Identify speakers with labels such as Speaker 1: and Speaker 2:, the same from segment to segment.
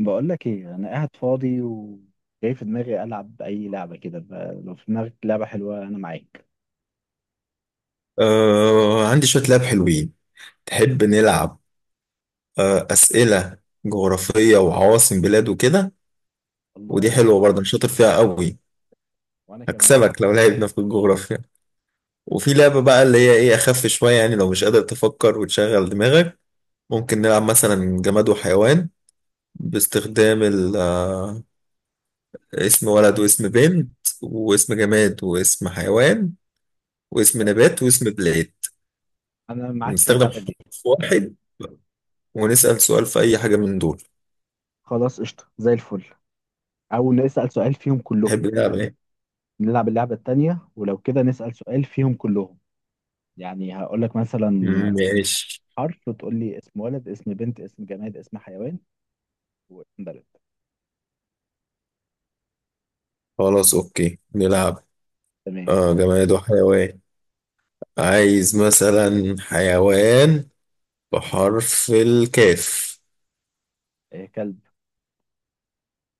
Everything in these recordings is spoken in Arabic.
Speaker 1: بقول لك ايه، انا قاعد فاضي وجاي في دماغي العب اي لعبه كده. لو في دماغك لعبه حلوه انا معاك.
Speaker 2: آه، عندي شوية لعب حلوين. تحب نلعب؟ آه، أسئلة جغرافية وعواصم بلاد وكده. ودي
Speaker 1: الله.
Speaker 2: حلوة برضه، أنا شاطر فيها قوي.
Speaker 1: وانا كمان.
Speaker 2: هكسبك لو لعبنا في الجغرافيا. وفي لعبة بقى اللي هي إيه أخف شوية، يعني لو مش قادر تفكر وتشغل دماغك ممكن نلعب مثلا جماد وحيوان، باستخدام اسم ولد
Speaker 1: الحروف.
Speaker 2: واسم بنت واسم جماد واسم حيوان واسم
Speaker 1: قشطه.
Speaker 2: نبات واسم بلاد.
Speaker 1: انا معاك في
Speaker 2: نستخدم
Speaker 1: اللعبه دي.
Speaker 2: حرف واحد ونسأل سؤال في أي حاجة من دول.
Speaker 1: خلاص، قشطه زي الفل. او نسال سؤال فيهم كلهم.
Speaker 2: تحب نلعب إيه؟
Speaker 1: نلعب اللعبه التانيه، ولو كده نسال سؤال فيهم كلهم. يعني هقول لك مثلا
Speaker 2: ماشي.
Speaker 1: حرف، وتقول لي اسم ولد، اسم بنت، اسم جماد، اسم حيوان، واسم بلد.
Speaker 2: خلاص اوكي نلعب.
Speaker 1: تمام.
Speaker 2: آه، جماد وحيوان. عايز مثلا حيوان بحرف الكاف.
Speaker 1: إيه، كلب.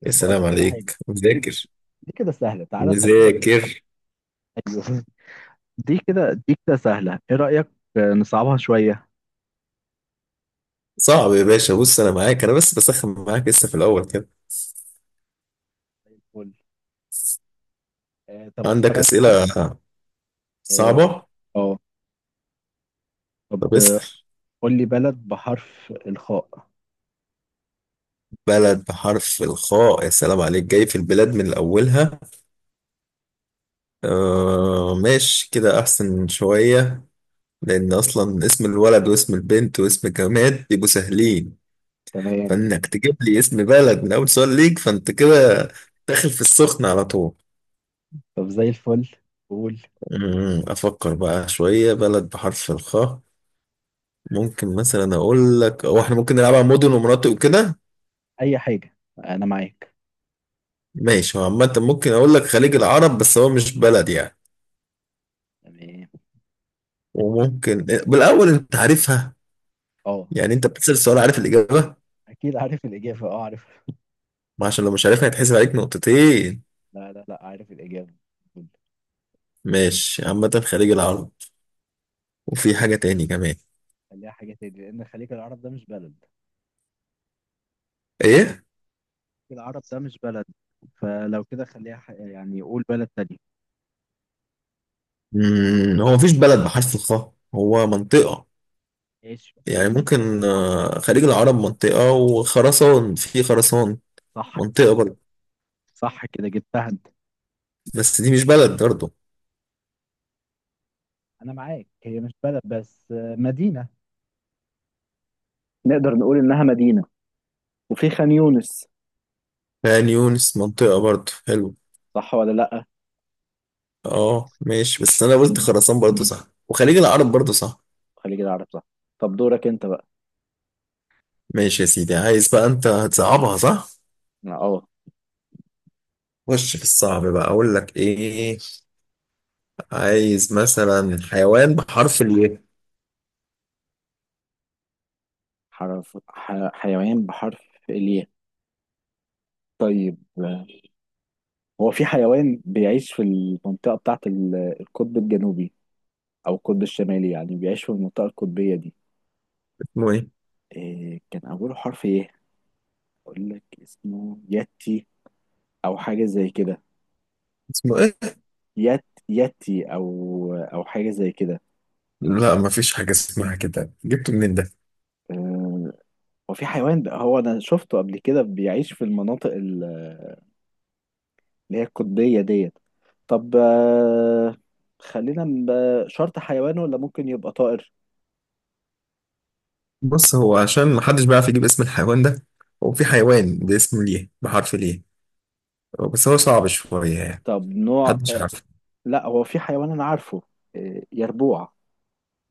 Speaker 2: يا
Speaker 1: بقول
Speaker 2: سلام
Speaker 1: لك على حاجه.
Speaker 2: عليك،
Speaker 1: دي بص.
Speaker 2: مذاكر.
Speaker 1: دي كده سهله، تعالى خليها ايه.
Speaker 2: مذاكر.
Speaker 1: ايوه. دي كده. دي كده سهلة، ايه رأيك؟ نصعبها شوية.
Speaker 2: صعب يا باشا، بص انا معاك، انا بس بسخن معاك لسه في الاول كده.
Speaker 1: زي الفل. طب اختار
Speaker 2: عندك
Speaker 1: انا حرف.
Speaker 2: اسئله
Speaker 1: اه.
Speaker 2: صعبه؟
Speaker 1: آه.
Speaker 2: طب
Speaker 1: طب،
Speaker 2: اسال.
Speaker 1: قول لي بلد بحرف الخاء.
Speaker 2: بلد بحرف الخاء؟ يا سلام عليك، جاي في البلاد من اولها. آه، ماشي كده احسن شويه، لأن أصلا اسم الولد واسم البنت واسم الجماد بيبقوا سهلين،
Speaker 1: تمام.
Speaker 2: فإنك تجيب لي اسم بلد من أول سؤال ليك فأنت كده داخل في السخن على طول.
Speaker 1: طب زي الفل. قول.
Speaker 2: أفكر بقى شوية، بلد بحرف الخاء. ممكن مثلا أقول لك، هو إحنا ممكن نلعبها مدن ومناطق وكده؟
Speaker 1: اي حاجة، انا معاك.
Speaker 2: ماشي، هو عامة ممكن أقول لك خليج العرب، بس هو مش بلد يعني.
Speaker 1: تمام.
Speaker 2: وممكن بالأول أنت عارفها،
Speaker 1: اه.
Speaker 2: يعني أنت بتسأل السؤال عارف الإجابة.
Speaker 1: اكيد عارف الإجابة، اه عارف.
Speaker 2: ما عشان لو مش عارفها هيتحسب عليك نقطتين.
Speaker 1: لا، لا، لا، عارف الإجابة. قول.
Speaker 2: ماشي، عامة خليج العرب، وفي حاجة تاني كمان.
Speaker 1: خليها حاجة تاني، لأن خليج العرب ده مش بلد.
Speaker 2: ايه؟
Speaker 1: خليج العرب ده مش بلد. فلو كده خليها يعني قول بلد تاني.
Speaker 2: هو مفيش بلد بحرف الخاء، هو منطقة
Speaker 1: ماشي، وقول
Speaker 2: يعني.
Speaker 1: منطقة.
Speaker 2: ممكن خليج العرب منطقة، وخراسان، في خراسان
Speaker 1: صح.
Speaker 2: منطقة برضه.
Speaker 1: صح، كده جبتها انت.
Speaker 2: بس دي مش بلد برضه.
Speaker 1: انا معاك، هي مش بلد بس مدينه. نقدر نقول إنها مدينة. وفي خان يونس.
Speaker 2: عين يونس منطقة برضه، حلو.
Speaker 1: صح ولا لأ؟
Speaker 2: اه ماشي، بس انا قلت خراسان برضه صح، وخليج العرب برضه صح.
Speaker 1: خليج العرب صح. طب دورك أنت بقى.
Speaker 2: ماشي يا سيدي، عايز بقى، انت هتصعبها صح؟
Speaker 1: أه.
Speaker 2: خش في الصعب بقى، اقول لك ايه، عايز مثلا حيوان بحرف الايه.
Speaker 1: حرف حيوان بحرف الياء. طيب، هو في حيوان بيعيش في المنطقة بتاعة القطب الجنوبي، أو القطب الشمالي، يعني بيعيش في المنطقة القطبية دي.
Speaker 2: اسمه ايه؟
Speaker 1: إيه، كان أوله حرف إيه؟ أقول لك اسمه ياتي، أو حاجة زي كده.
Speaker 2: اسمه ايه؟
Speaker 1: ياتي أو حاجة زي كده.
Speaker 2: لا، مفيش حاجة اسمها كده، جبته منين ده؟
Speaker 1: آه، هو في حيوان ده، هو انا شفته قبل كده بيعيش في المناطق اللي هي القطبية ديت. طب، خلينا شرط حيوان ولا ممكن يبقى طائر؟
Speaker 2: بص، هو عشان محدش بيعرف يجيب اسم الحيوان ده، هو في حيوان باسم ليه، بحرف ليه، بس هو صعب شوية يعني.
Speaker 1: طب نوع
Speaker 2: محدش عارف.
Speaker 1: لا، هو في حيوان انا عارفه. يربوع.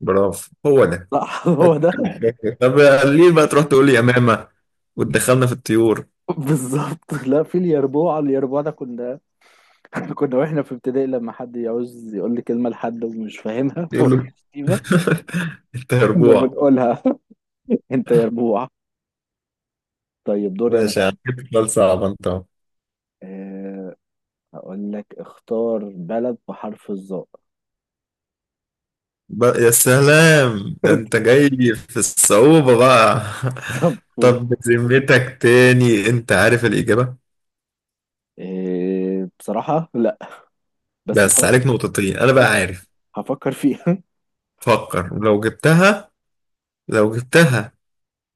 Speaker 2: برافو، هو ده.
Speaker 1: لا. هو ده.
Speaker 2: طب ليه بقى تروح تقول لي يمامة وتدخلنا في الطيور؟
Speaker 1: بالظبط، لا في اليربوع. اليربوع ده كنا كنا واحنا في ابتدائي، لما حد يعوز يقول لي كلمة لحد ومش فاهمها
Speaker 2: يقول
Speaker 1: وهي
Speaker 2: له
Speaker 1: شتيمة.
Speaker 2: انت
Speaker 1: كنا
Speaker 2: هربوع.
Speaker 1: بنقولها. انت يربوع. طيب دوري انا
Speaker 2: ماشي
Speaker 1: بقى.
Speaker 2: يعني، سؤال صعب انت أهو.
Speaker 1: آه، هقول لك اختار بلد بحرف الظاء.
Speaker 2: بقى يا سلام، ده انت جاي في الصعوبة بقى.
Speaker 1: طب قول.
Speaker 2: طب بذمتك، تاني انت عارف الإجابة؟
Speaker 1: إيه، بصراحة لا. بس
Speaker 2: بس
Speaker 1: بحب.
Speaker 2: عليك نقطتين، انا بقى
Speaker 1: لا.
Speaker 2: عارف.
Speaker 1: هفكر فيها.
Speaker 2: فكر، لو جبتها، لو جبتها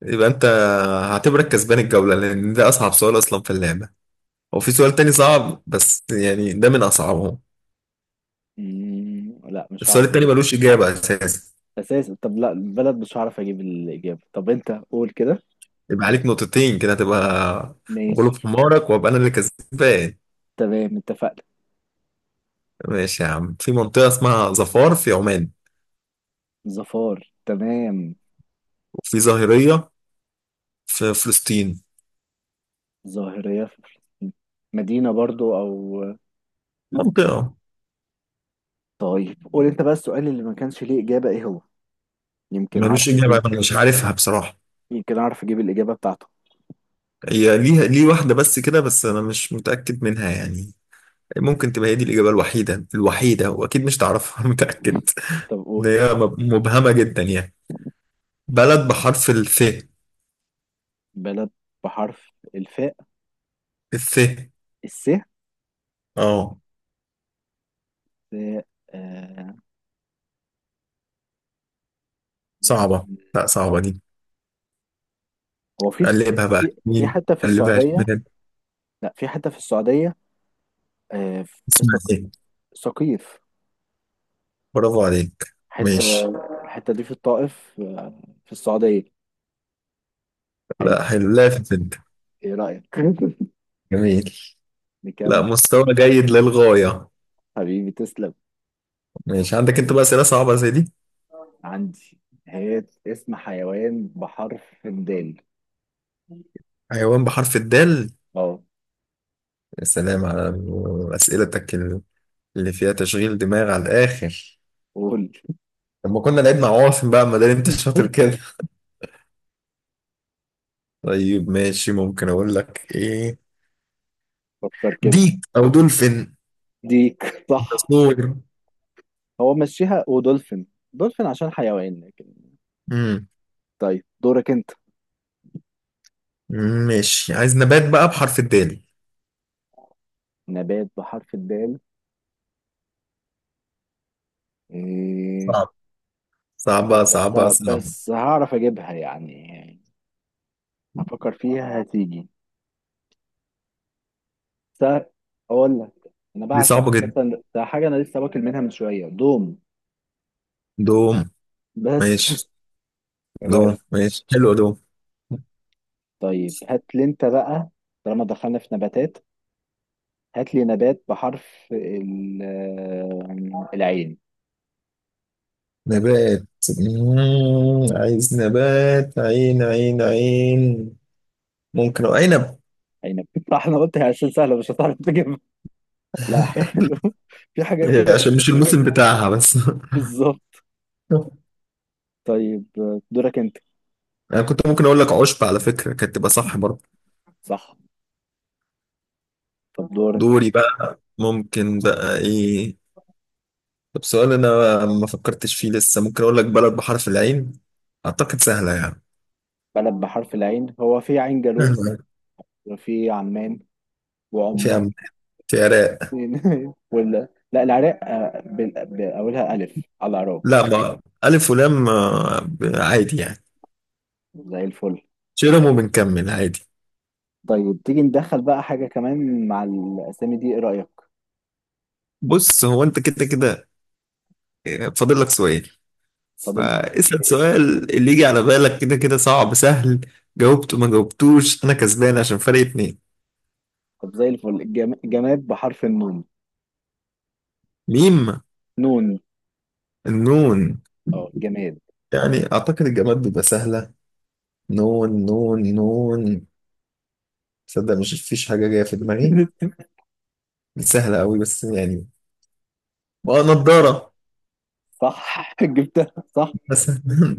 Speaker 2: يبقى انت، هعتبرك كسبان الجولة، لان ده اصعب سؤال اصلا في اللعبة. هو في سؤال تاني صعب بس، يعني ده من اصعبهم.
Speaker 1: لا مش
Speaker 2: السؤال
Speaker 1: هعرف
Speaker 2: التاني
Speaker 1: اجيب.
Speaker 2: ملوش اجابة اساسا.
Speaker 1: اساسا. طب لا البلد مش هعرف اجيب الاجابة. طب انت قول كده.
Speaker 2: يبقى عليك نقطتين كده، هتبقى غلوب
Speaker 1: ماشي.
Speaker 2: حمارك، وابقى انا اللي كسبان.
Speaker 1: تمام، اتفقنا.
Speaker 2: ماشي يا عم، في منطقة اسمها ظفار في عمان،
Speaker 1: ظفار، تمام.
Speaker 2: وفي ظاهرية في فلسطين،
Speaker 1: ظاهرية في فلسطين. مدينة برضو، او.
Speaker 2: منطقة.
Speaker 1: طيب قول انت بقى، السؤال اللي ما كانش ليه اجابة ايه هو؟ يمكن اعرف
Speaker 2: ملوش اجابة،
Speaker 1: اجيب.
Speaker 2: انا مش عارفها بصراحة.
Speaker 1: يمكن اعرف اجيب الاجابة بتاعته.
Speaker 2: هي ليها ليه واحدة بس كده، بس انا مش متأكد منها يعني. ممكن تبقى هي دي الإجابة الوحيدة الوحيدة، وأكيد مش تعرفها، أنا متأكد.
Speaker 1: طب
Speaker 2: إن
Speaker 1: قول.
Speaker 2: هي مبهمة جدا يعني. بلد بحرف الث.
Speaker 1: بلد بحرف الفاء.
Speaker 2: الث.
Speaker 1: السهل.
Speaker 2: اه
Speaker 1: آه، آه،
Speaker 2: صعبة. لا صعبة دي.
Speaker 1: هو في
Speaker 2: قلبها بقى
Speaker 1: في في
Speaker 2: يمين.
Speaker 1: حته في
Speaker 2: قلبها
Speaker 1: السعوديه.
Speaker 2: شمال.
Speaker 1: لا، في حته في السعوديه. في
Speaker 2: اسمها ايه؟
Speaker 1: سقيف.
Speaker 2: برافو عليك،
Speaker 1: حته.
Speaker 2: ماشي.
Speaker 1: الحته دي في الطائف، في السعوديه. حلو.
Speaker 2: لا حلو، لافت انت.
Speaker 1: ايه رايك؟
Speaker 2: جميل. لا،
Speaker 1: بكام؟
Speaker 2: مستوى جيد للغاية.
Speaker 1: حبيبي تسلم.
Speaker 2: ماشي، عندك انت بقى أسئلة صعبة زي دي؟
Speaker 1: عندي. هي اسم حيوان بحرف الدال.
Speaker 2: حيوان بحرف الدال؟
Speaker 1: اه.
Speaker 2: يا سلام على أسئلتك اللي فيها تشغيل دماغ على الآخر.
Speaker 1: قول.
Speaker 2: لما كنا لعيب مع عواصم بقى، ما دام انت شاطر كده. طيب ماشي، ممكن اقول لك ايه،
Speaker 1: فكر كده.
Speaker 2: ديك او دولفين.
Speaker 1: ديك، صح.
Speaker 2: تصوير.
Speaker 1: هو مشيها ودولفين. دولفين عشان حيوان لكن.
Speaker 2: امم
Speaker 1: طيب دورك انت.
Speaker 2: ماشي. عايز نبات بقى بحرف الدال.
Speaker 1: نبات بحرف الدال. إيه.
Speaker 2: صعب،
Speaker 1: لا
Speaker 2: صعبة
Speaker 1: بس.
Speaker 2: صعبة صعبة.
Speaker 1: بس هعرف اجيبها يعني. هفكر فيها هتيجي. س- اقول لك. انا
Speaker 2: دي
Speaker 1: بعشق
Speaker 2: صعبة جدا.
Speaker 1: اساسا، ده حاجه انا لسه واكل منها من شويه، دوم.
Speaker 2: دوم.
Speaker 1: بس.
Speaker 2: ماشي.
Speaker 1: إيه
Speaker 2: دوم،
Speaker 1: رايك؟
Speaker 2: ماشي حلو، دوم.
Speaker 1: طيب هات لي انت بقى. طالما دخلنا في نباتات، هات لي نبات بحرف العين.
Speaker 2: نبات. عايز نبات، عين عين عين. ممكن أو عنب.
Speaker 1: عنب. احنا قلت هي عشان سهله مش هتعرف تجيبها. لا، حلو. في حاجات
Speaker 2: إيه،
Speaker 1: كده
Speaker 2: عشان مش
Speaker 1: بتبقى
Speaker 2: الموسم
Speaker 1: سهله.
Speaker 2: بتاعها بس.
Speaker 1: بالظبط. طيب دورك انت.
Speaker 2: انا كنت ممكن اقول لك عشب على فكرة، كانت تبقى صح برضه.
Speaker 1: صح. طب دورك.
Speaker 2: دوري بقى، ممكن بقى ايه؟ طب سؤال انا ما فكرتش فيه لسه، ممكن اقول لك بلد بحرف العين، اعتقد سهله يعني.
Speaker 1: بلد بحرف العين، هو في عين جالوت.
Speaker 2: سهلة.
Speaker 1: وفي عمان.
Speaker 2: في
Speaker 1: وعمان.
Speaker 2: عم، في عراق.
Speaker 1: ولا، لا، العراق، بأولها ألف على العراق.
Speaker 2: لا، ما الف ولام عادي يعني.
Speaker 1: زي الفل.
Speaker 2: شيرم وبنكمل عادي.
Speaker 1: طيب تيجي ندخل بقى حاجة كمان مع الأسامي دي، إيه رأيك؟
Speaker 2: بص، هو انت كده كده فاضل لك سؤال،
Speaker 1: فاضل.
Speaker 2: فاسأل سؤال اللي يجي على بالك، كده كده صعب سهل، جاوبته ما جاوبتوش انا كسبان عشان فرق اتنين.
Speaker 1: طب زي الفل، جماد بحرف النون.
Speaker 2: ميم.
Speaker 1: نون.
Speaker 2: النون؟
Speaker 1: اه، جماد.
Speaker 2: يعني اعتقد الجماد بيبقى سهله. نون نون نون. تصدق مش فيش حاجة جاية في دماغي. سهلة قوي بس يعني. اه، نضارة.
Speaker 1: صح. جبتها صح.
Speaker 2: بس.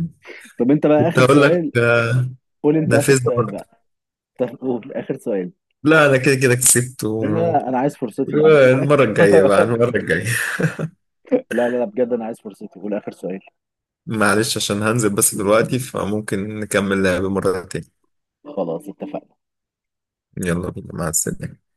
Speaker 1: طب انت بقى
Speaker 2: كنت
Speaker 1: آخر
Speaker 2: هقول لك
Speaker 1: سؤال. قول انت آخر
Speaker 2: نافذة
Speaker 1: سؤال
Speaker 2: برضه.
Speaker 1: بقى. طب قول آخر سؤال.
Speaker 2: لا، أنا كده كده كسبت
Speaker 1: لا، لا، لا، انا عايز فرصتي بعد اذنك.
Speaker 2: المرة الجاية بقى، المرة الجاية.
Speaker 1: لا، لا، لا، بجد انا عايز فرصتي وده اخر سؤال.
Speaker 2: معلش، عشان هنزل بس دلوقتي، فممكن نكمل لعب مرة تاني.
Speaker 1: خلاص، اتفقنا.
Speaker 2: يلا بينا، مع السلامة.